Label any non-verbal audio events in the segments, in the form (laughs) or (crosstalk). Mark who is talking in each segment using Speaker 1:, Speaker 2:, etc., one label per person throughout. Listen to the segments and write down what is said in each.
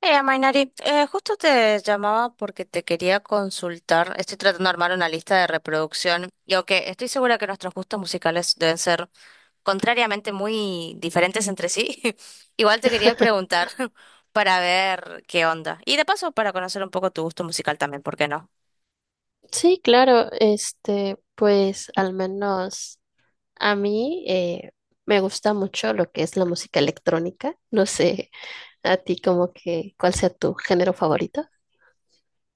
Speaker 1: Mainari, justo te llamaba porque te quería consultar. Estoy tratando de armar una lista de reproducción y aunque estoy segura que nuestros gustos musicales deben ser contrariamente muy diferentes entre sí, (laughs) igual te quería preguntar (laughs) para ver qué onda. Y de paso para conocer un poco tu gusto musical también, ¿por qué no?
Speaker 2: Sí, claro, este, pues al menos a mí me gusta mucho lo que es la música electrónica. No sé, a ti como que, ¿cuál sea tu género favorito?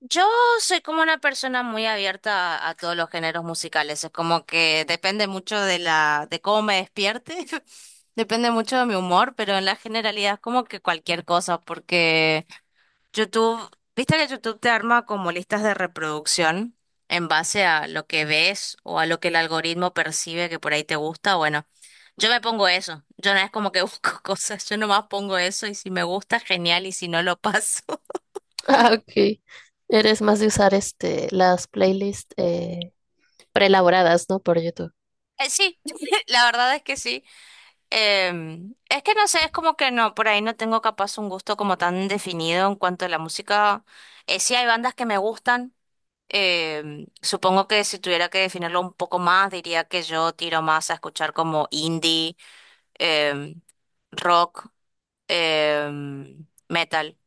Speaker 1: Yo soy como una persona muy abierta a todos los géneros musicales. Es como que depende mucho de la, de cómo me despierte, (laughs) depende mucho de mi humor, pero en la generalidad es como que cualquier cosa, porque YouTube, viste que YouTube te arma como listas de reproducción en base a lo que ves o a lo que el algoritmo percibe que por ahí te gusta. Bueno, yo me pongo eso. Yo no es como que (laughs) busco cosas, yo nomás pongo eso y si me gusta, genial, y si no, lo paso. (laughs)
Speaker 2: Ah, ok. Eres más de usar este, las playlists preelaboradas, ¿no? Por YouTube.
Speaker 1: Sí, (laughs) la verdad es que sí. Es que no sé, es como que no, por ahí no tengo capaz un gusto como tan definido en cuanto a la música. Sí hay bandas que me gustan. Supongo que si tuviera que definirlo un poco más, diría que yo tiro más a escuchar como indie, em, rock, metal,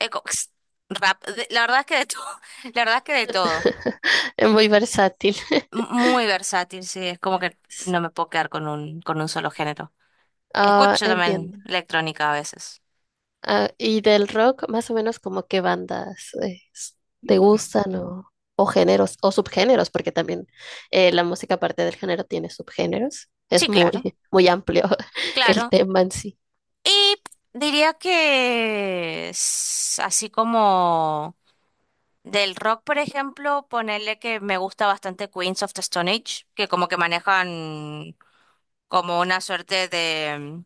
Speaker 1: eh, co- (laughs) rap. La verdad es que de todo, (laughs) la verdad es que de todo.
Speaker 2: (laughs) Es muy versátil. (laughs)
Speaker 1: Muy versátil, sí, es como que no me puedo quedar con un solo género.
Speaker 2: Ah,
Speaker 1: Escucho
Speaker 2: entiendo.
Speaker 1: también electrónica a veces.
Speaker 2: Ah, y del rock, más o menos como qué bandas te gustan o géneros o subgéneros, porque también la música aparte del género tiene subgéneros. Es
Speaker 1: Sí,
Speaker 2: muy,
Speaker 1: claro,
Speaker 2: (laughs) muy amplio (laughs) el
Speaker 1: claro.
Speaker 2: tema en sí.
Speaker 1: Y diría que así como del rock, por ejemplo, ponerle que me gusta bastante Queens of the Stone Age, que como que manejan como una suerte de...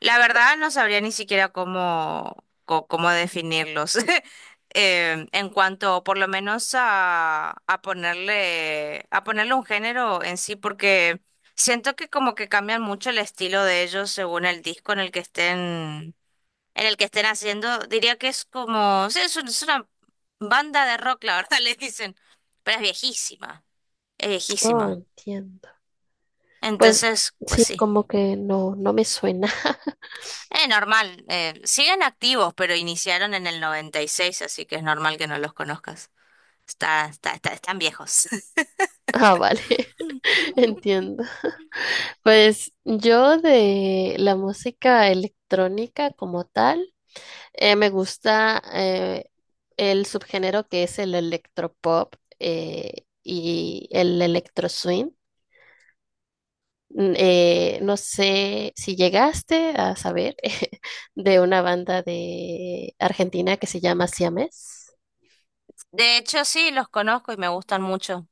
Speaker 1: La verdad no sabría ni siquiera cómo, cómo definirlos. (laughs) En cuanto por lo menos a ponerle un género en sí, porque siento que como que cambian mucho el estilo de ellos según el disco en el que estén, en el que estén haciendo. Diría que es como, sí, es una banda de rock, la verdad, (laughs) le dicen, pero es viejísima, es
Speaker 2: Oh,
Speaker 1: viejísima.
Speaker 2: entiendo. Pues
Speaker 1: Entonces, pues
Speaker 2: sí,
Speaker 1: sí.
Speaker 2: como que no, no me suena. (laughs)
Speaker 1: Normal. Siguen activos, pero iniciaron en el 96, así que es normal que no los conozcas. Están viejos. (laughs)
Speaker 2: Ah, vale, (laughs) entiendo. Pues yo de la música electrónica como tal, me gusta el subgénero que es el electropop y el electro swing. No sé si llegaste a saber (laughs) de una banda de Argentina que se llama Siames.
Speaker 1: De hecho, sí, los conozco y me gustan mucho.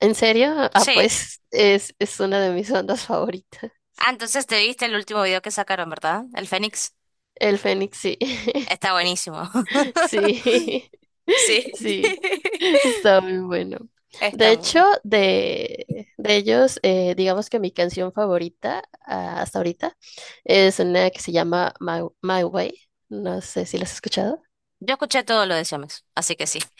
Speaker 2: ¿En serio? Ah,
Speaker 1: Sí.
Speaker 2: pues es una de mis bandas favoritas.
Speaker 1: Ah, entonces te viste el último video que sacaron, ¿verdad? El Fénix.
Speaker 2: El Fénix, sí. (laughs)
Speaker 1: Está buenísimo. (laughs)
Speaker 2: Sí,
Speaker 1: Sí.
Speaker 2: (laughs) sí,
Speaker 1: (laughs)
Speaker 2: está muy bueno. De
Speaker 1: Está muy
Speaker 2: hecho,
Speaker 1: bueno.
Speaker 2: de ellos, digamos que mi canción favorita ah, hasta ahorita es una que se llama My Way. No sé si la has escuchado.
Speaker 1: Yo escuché todo lo de Siamex, así que sí.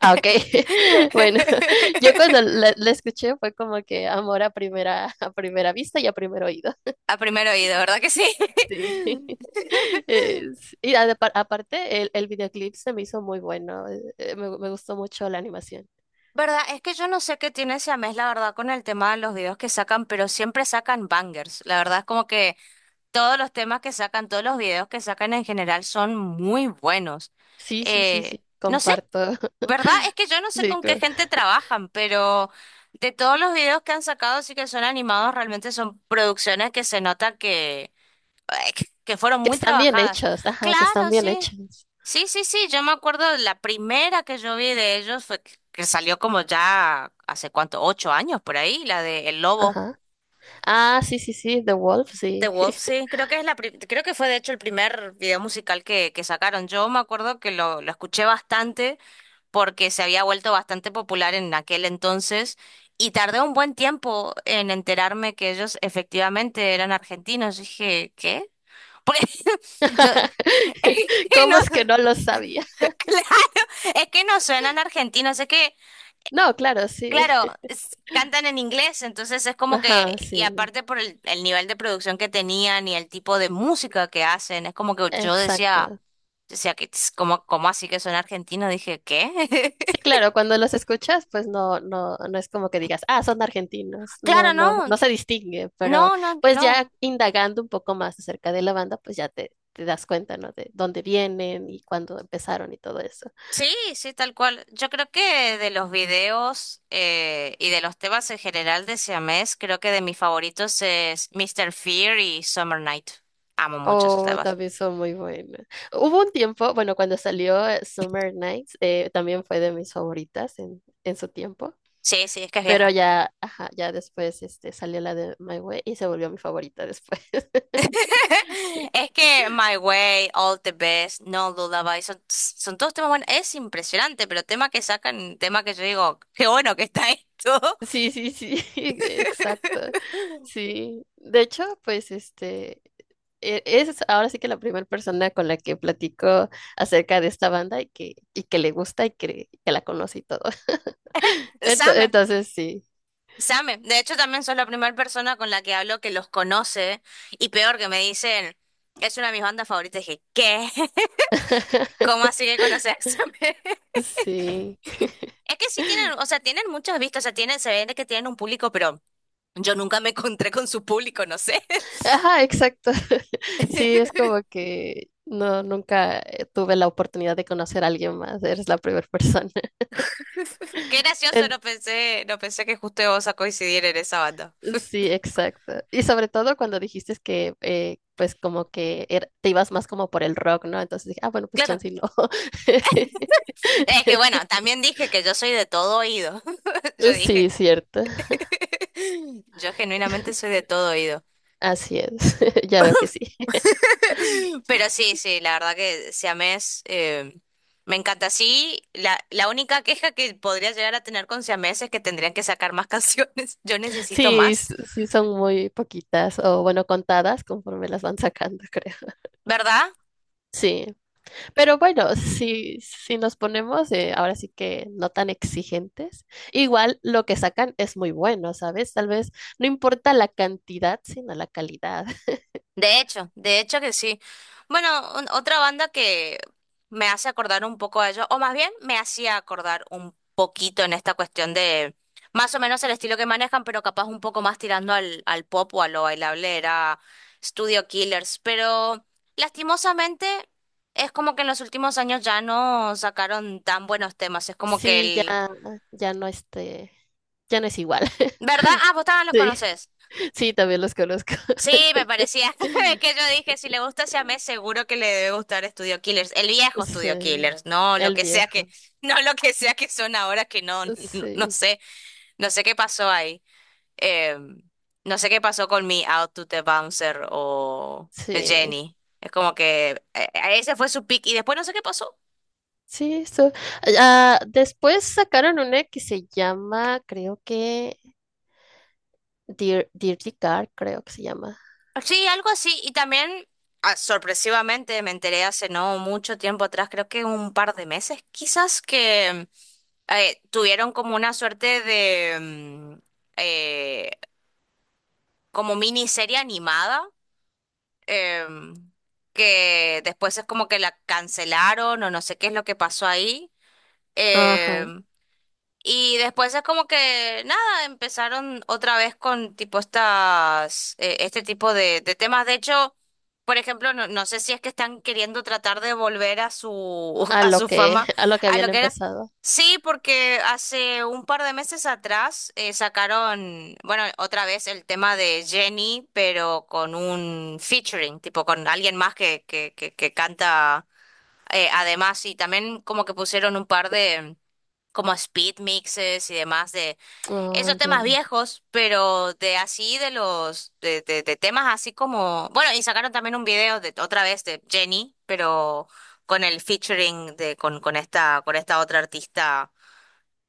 Speaker 2: Ah, ok.
Speaker 1: (laughs)
Speaker 2: (laughs) Bueno, (laughs) yo cuando la escuché fue como que amor a a primera vista y a primer oído.
Speaker 1: A primer oído, ¿verdad que sí?
Speaker 2: Sí. (laughs)
Speaker 1: (laughs)
Speaker 2: Aparte, el videoclip se me hizo muy bueno. Me gustó mucho la animación.
Speaker 1: ¿Verdad? Es que yo no sé qué tiene Siamés, la verdad, con el tema de los videos que sacan, pero siempre sacan bangers. La verdad es como que todos los temas que sacan, todos los videos que sacan en general son muy buenos.
Speaker 2: Sí, sí, sí,
Speaker 1: Eh,
Speaker 2: sí.
Speaker 1: no sé,
Speaker 2: Comparto. (laughs)
Speaker 1: ¿verdad? Es que yo no sé
Speaker 2: Sí,
Speaker 1: con qué
Speaker 2: co-
Speaker 1: gente trabajan, pero de todos los videos que han sacado, sí que son animados, realmente son producciones que se nota que, (laughs) que fueron
Speaker 2: que
Speaker 1: muy
Speaker 2: están bien
Speaker 1: trabajadas.
Speaker 2: hechos. Ajá, que están
Speaker 1: Claro,
Speaker 2: bien
Speaker 1: sí.
Speaker 2: hechos.
Speaker 1: Sí, sí, sí, yo me acuerdo de la primera que yo vi de ellos fue que salió como ya hace cuánto, 8 años por ahí, la de El Lobo.
Speaker 2: Ajá. Ah, sí, sí, sí. The Wolf,
Speaker 1: The
Speaker 2: sí.
Speaker 1: Wolf, sí, creo que es creo que fue de hecho el primer video musical que sacaron. Yo me acuerdo que lo escuché bastante porque se había vuelto bastante popular en aquel entonces y tardé un buen tiempo en enterarme que ellos efectivamente eran argentinos. Dije, ¿qué? (laughs) ¿Por qué?
Speaker 2: (laughs)
Speaker 1: Es que no,
Speaker 2: ¿Cómo es que no lo sabía?
Speaker 1: (laughs) claro, es que no suenan argentinos, es que,
Speaker 2: No, claro, sí.
Speaker 1: claro,
Speaker 2: (laughs)
Speaker 1: cantan en inglés, entonces es como que,
Speaker 2: Ajá,
Speaker 1: y
Speaker 2: sí.
Speaker 1: aparte por el nivel de producción que tenían y el tipo de música que hacen, es como que yo decía,
Speaker 2: Exacto.
Speaker 1: decía que, como, como así que son argentinos? Dije, ¿qué?
Speaker 2: Sí,
Speaker 1: (laughs)
Speaker 2: claro, cuando los escuchas, pues no, no, no es como que digas, ah, son argentinos, no,
Speaker 1: Claro,
Speaker 2: no,
Speaker 1: no,
Speaker 2: no se distingue, pero
Speaker 1: no, no,
Speaker 2: pues
Speaker 1: no.
Speaker 2: ya indagando un poco más acerca de la banda, pues ya te das cuenta, ¿no? De dónde vienen y cuándo empezaron y todo eso.
Speaker 1: Sí, sí, tal cual. Yo creo que de los videos y de los temas en general de Siamés, creo que de mis favoritos es Mr. Fear y Summer Night. Amo mucho esos
Speaker 2: Oh,
Speaker 1: temas.
Speaker 2: también son muy buenas. Hubo un tiempo, bueno, cuando salió Summer Nights, también fue de mis favoritas en su tiempo,
Speaker 1: Sí, sí, es que es
Speaker 2: pero
Speaker 1: vieja.
Speaker 2: ya, ajá, ya después este, salió la de My Way y se volvió mi favorita después. (laughs)
Speaker 1: (laughs) Es que My Way, All the Best, No Lullaby, son, son todos temas buenos. Es impresionante, pero tema que sacan, tema que yo digo, qué bueno que está esto. (laughs)
Speaker 2: Sí, sí, sí, (laughs) exacto. Sí. De hecho, pues este es ahora sí que la primera persona con la que platico acerca de esta banda y que le gusta que la conoce y todo. (laughs)
Speaker 1: Sam
Speaker 2: Entonces, sí.
Speaker 1: Same, de hecho también sos la primera persona con la que hablo que los conoce y peor que me dicen, es una de mis bandas favoritas. Dije, ¿qué? (laughs) ¿Cómo así
Speaker 2: (laughs)
Speaker 1: que conoces a Same? (laughs)
Speaker 2: Sí.
Speaker 1: Es que sí tienen, o sea, tienen muchas vistas, o sea, tienen, se ve que tienen un público, pero yo nunca me encontré con su público, no sé. (laughs)
Speaker 2: Ajá, exacto. (laughs) Sí, es como que no, nunca tuve la oportunidad de conocer a alguien más. Eres la primera persona.
Speaker 1: Qué
Speaker 2: (laughs)
Speaker 1: gracioso, no pensé que justo vos a coincidir en esa banda.
Speaker 2: Sí, exacto. Y sobre todo cuando dijiste que, pues, como que te ibas más como por el rock, ¿no? Entonces dije, ah, bueno, pues
Speaker 1: Claro,
Speaker 2: chance y no.
Speaker 1: es que bueno,
Speaker 2: (laughs)
Speaker 1: también dije que yo soy de todo oído. (laughs) Yo
Speaker 2: Sí,
Speaker 1: dije,
Speaker 2: cierto.
Speaker 1: (laughs) yo genuinamente soy de todo oído.
Speaker 2: Así es. (laughs) Ya veo que sí.
Speaker 1: (laughs) Pero sí, sí, la verdad que si siamés me encanta. Sí, la única queja que podría llegar a tener con siamés es que tendrían que sacar más (laughs) canciones. Yo necesito
Speaker 2: Sí,
Speaker 1: más,
Speaker 2: sí son muy poquitas o, bueno, contadas conforme las van sacando, (laughs) creo.
Speaker 1: ¿verdad?
Speaker 2: Sí. Pero bueno, si nos ponemos ahora sí que no tan exigentes, igual lo que sacan es muy bueno, ¿sabes? Tal vez no importa la cantidad, sino la calidad.
Speaker 1: De hecho que sí. Bueno, otra banda que me hace acordar un poco a ellos, o más bien me hacía acordar un poquito en esta cuestión de más o menos el estilo que manejan, pero capaz un poco más tirando al pop o a lo bailable, era Studio Killers. Pero lastimosamente es como que en los últimos años ya no sacaron tan buenos temas. Es como que
Speaker 2: Sí, ya,
Speaker 1: el...
Speaker 2: ya no este, ya no es igual.
Speaker 1: ¿Verdad? Ah, vos
Speaker 2: (laughs)
Speaker 1: también los
Speaker 2: Sí,
Speaker 1: conocés.
Speaker 2: sí, también los conozco.
Speaker 1: Sí, me parecía. (laughs) Es
Speaker 2: (laughs)
Speaker 1: que yo dije, si le gusta Siamés, seguro que le debe gustar Studio Killers. El viejo Studio
Speaker 2: Sí,
Speaker 1: Killers, no lo
Speaker 2: el
Speaker 1: que sea que,
Speaker 2: viejo.
Speaker 1: (laughs) no lo que sea que son ahora, que no, no,
Speaker 2: Sí,
Speaker 1: no sé qué pasó ahí. Eh, no sé qué pasó con mi Out to the Bouncer o
Speaker 2: sí,
Speaker 1: Jenny. Es como que ese fue su pick y después no sé qué pasó.
Speaker 2: sí, eso. Ah, después sacaron una que se llama, creo que Dirty Car, creo que se llama.
Speaker 1: Sí, algo así. Y también, ah, sorpresivamente, me enteré hace no mucho tiempo atrás, creo que un par de meses, quizás, que tuvieron como una suerte de eh, como miniserie animada, em, que después es como que la cancelaron o no sé qué es lo que pasó ahí.
Speaker 2: Ajá,
Speaker 1: em, y después es como que nada, empezaron otra vez con tipo estas, este tipo de temas. De hecho, por ejemplo, no, no sé si es que están queriendo tratar de volver a su, (laughs) a su fama,
Speaker 2: a lo que
Speaker 1: a
Speaker 2: habían
Speaker 1: lo que era.
Speaker 2: empezado.
Speaker 1: Sí, porque hace un par de meses atrás sacaron, bueno, otra vez el tema de Jenny, pero con un featuring, tipo con alguien más que canta además, y también como que pusieron un par de como speed mixes y demás de
Speaker 2: Oh,
Speaker 1: esos temas
Speaker 2: entiendo.
Speaker 1: viejos, pero de así de los de temas así como, bueno, y sacaron también un video de otra vez de Jenny, pero con el featuring de con esta con esta otra artista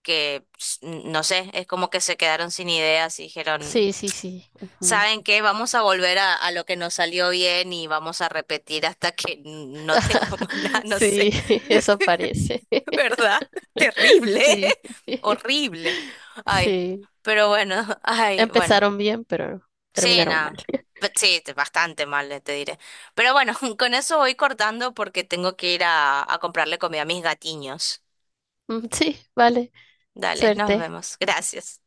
Speaker 1: que no sé, es como que se quedaron sin ideas y dijeron,
Speaker 2: Sí, sí, sí. Ujú.
Speaker 1: ¿saben qué? Vamos a volver a lo que nos salió bien y vamos a repetir hasta que no
Speaker 2: (laughs)
Speaker 1: tengamos (laughs) nada, no
Speaker 2: Sí,
Speaker 1: sé.
Speaker 2: (laughs) eso parece. (laughs)
Speaker 1: ¿Verdad? (laughs) Terrible,
Speaker 2: Sí,
Speaker 1: (laughs)
Speaker 2: (laughs)
Speaker 1: horrible. Ay,
Speaker 2: sí.
Speaker 1: pero bueno, (laughs) ay, bueno.
Speaker 2: Empezaron bien, pero
Speaker 1: Sí,
Speaker 2: terminaron mal.
Speaker 1: nada.
Speaker 2: (laughs)
Speaker 1: Sí, bastante mal, te diré. Pero bueno, (laughs) con eso voy cortando porque tengo que ir a comprarle comida a mis gatiños.
Speaker 2: Mm, sí, vale.
Speaker 1: Dale, nos
Speaker 2: Suerte.
Speaker 1: vemos. Gracias.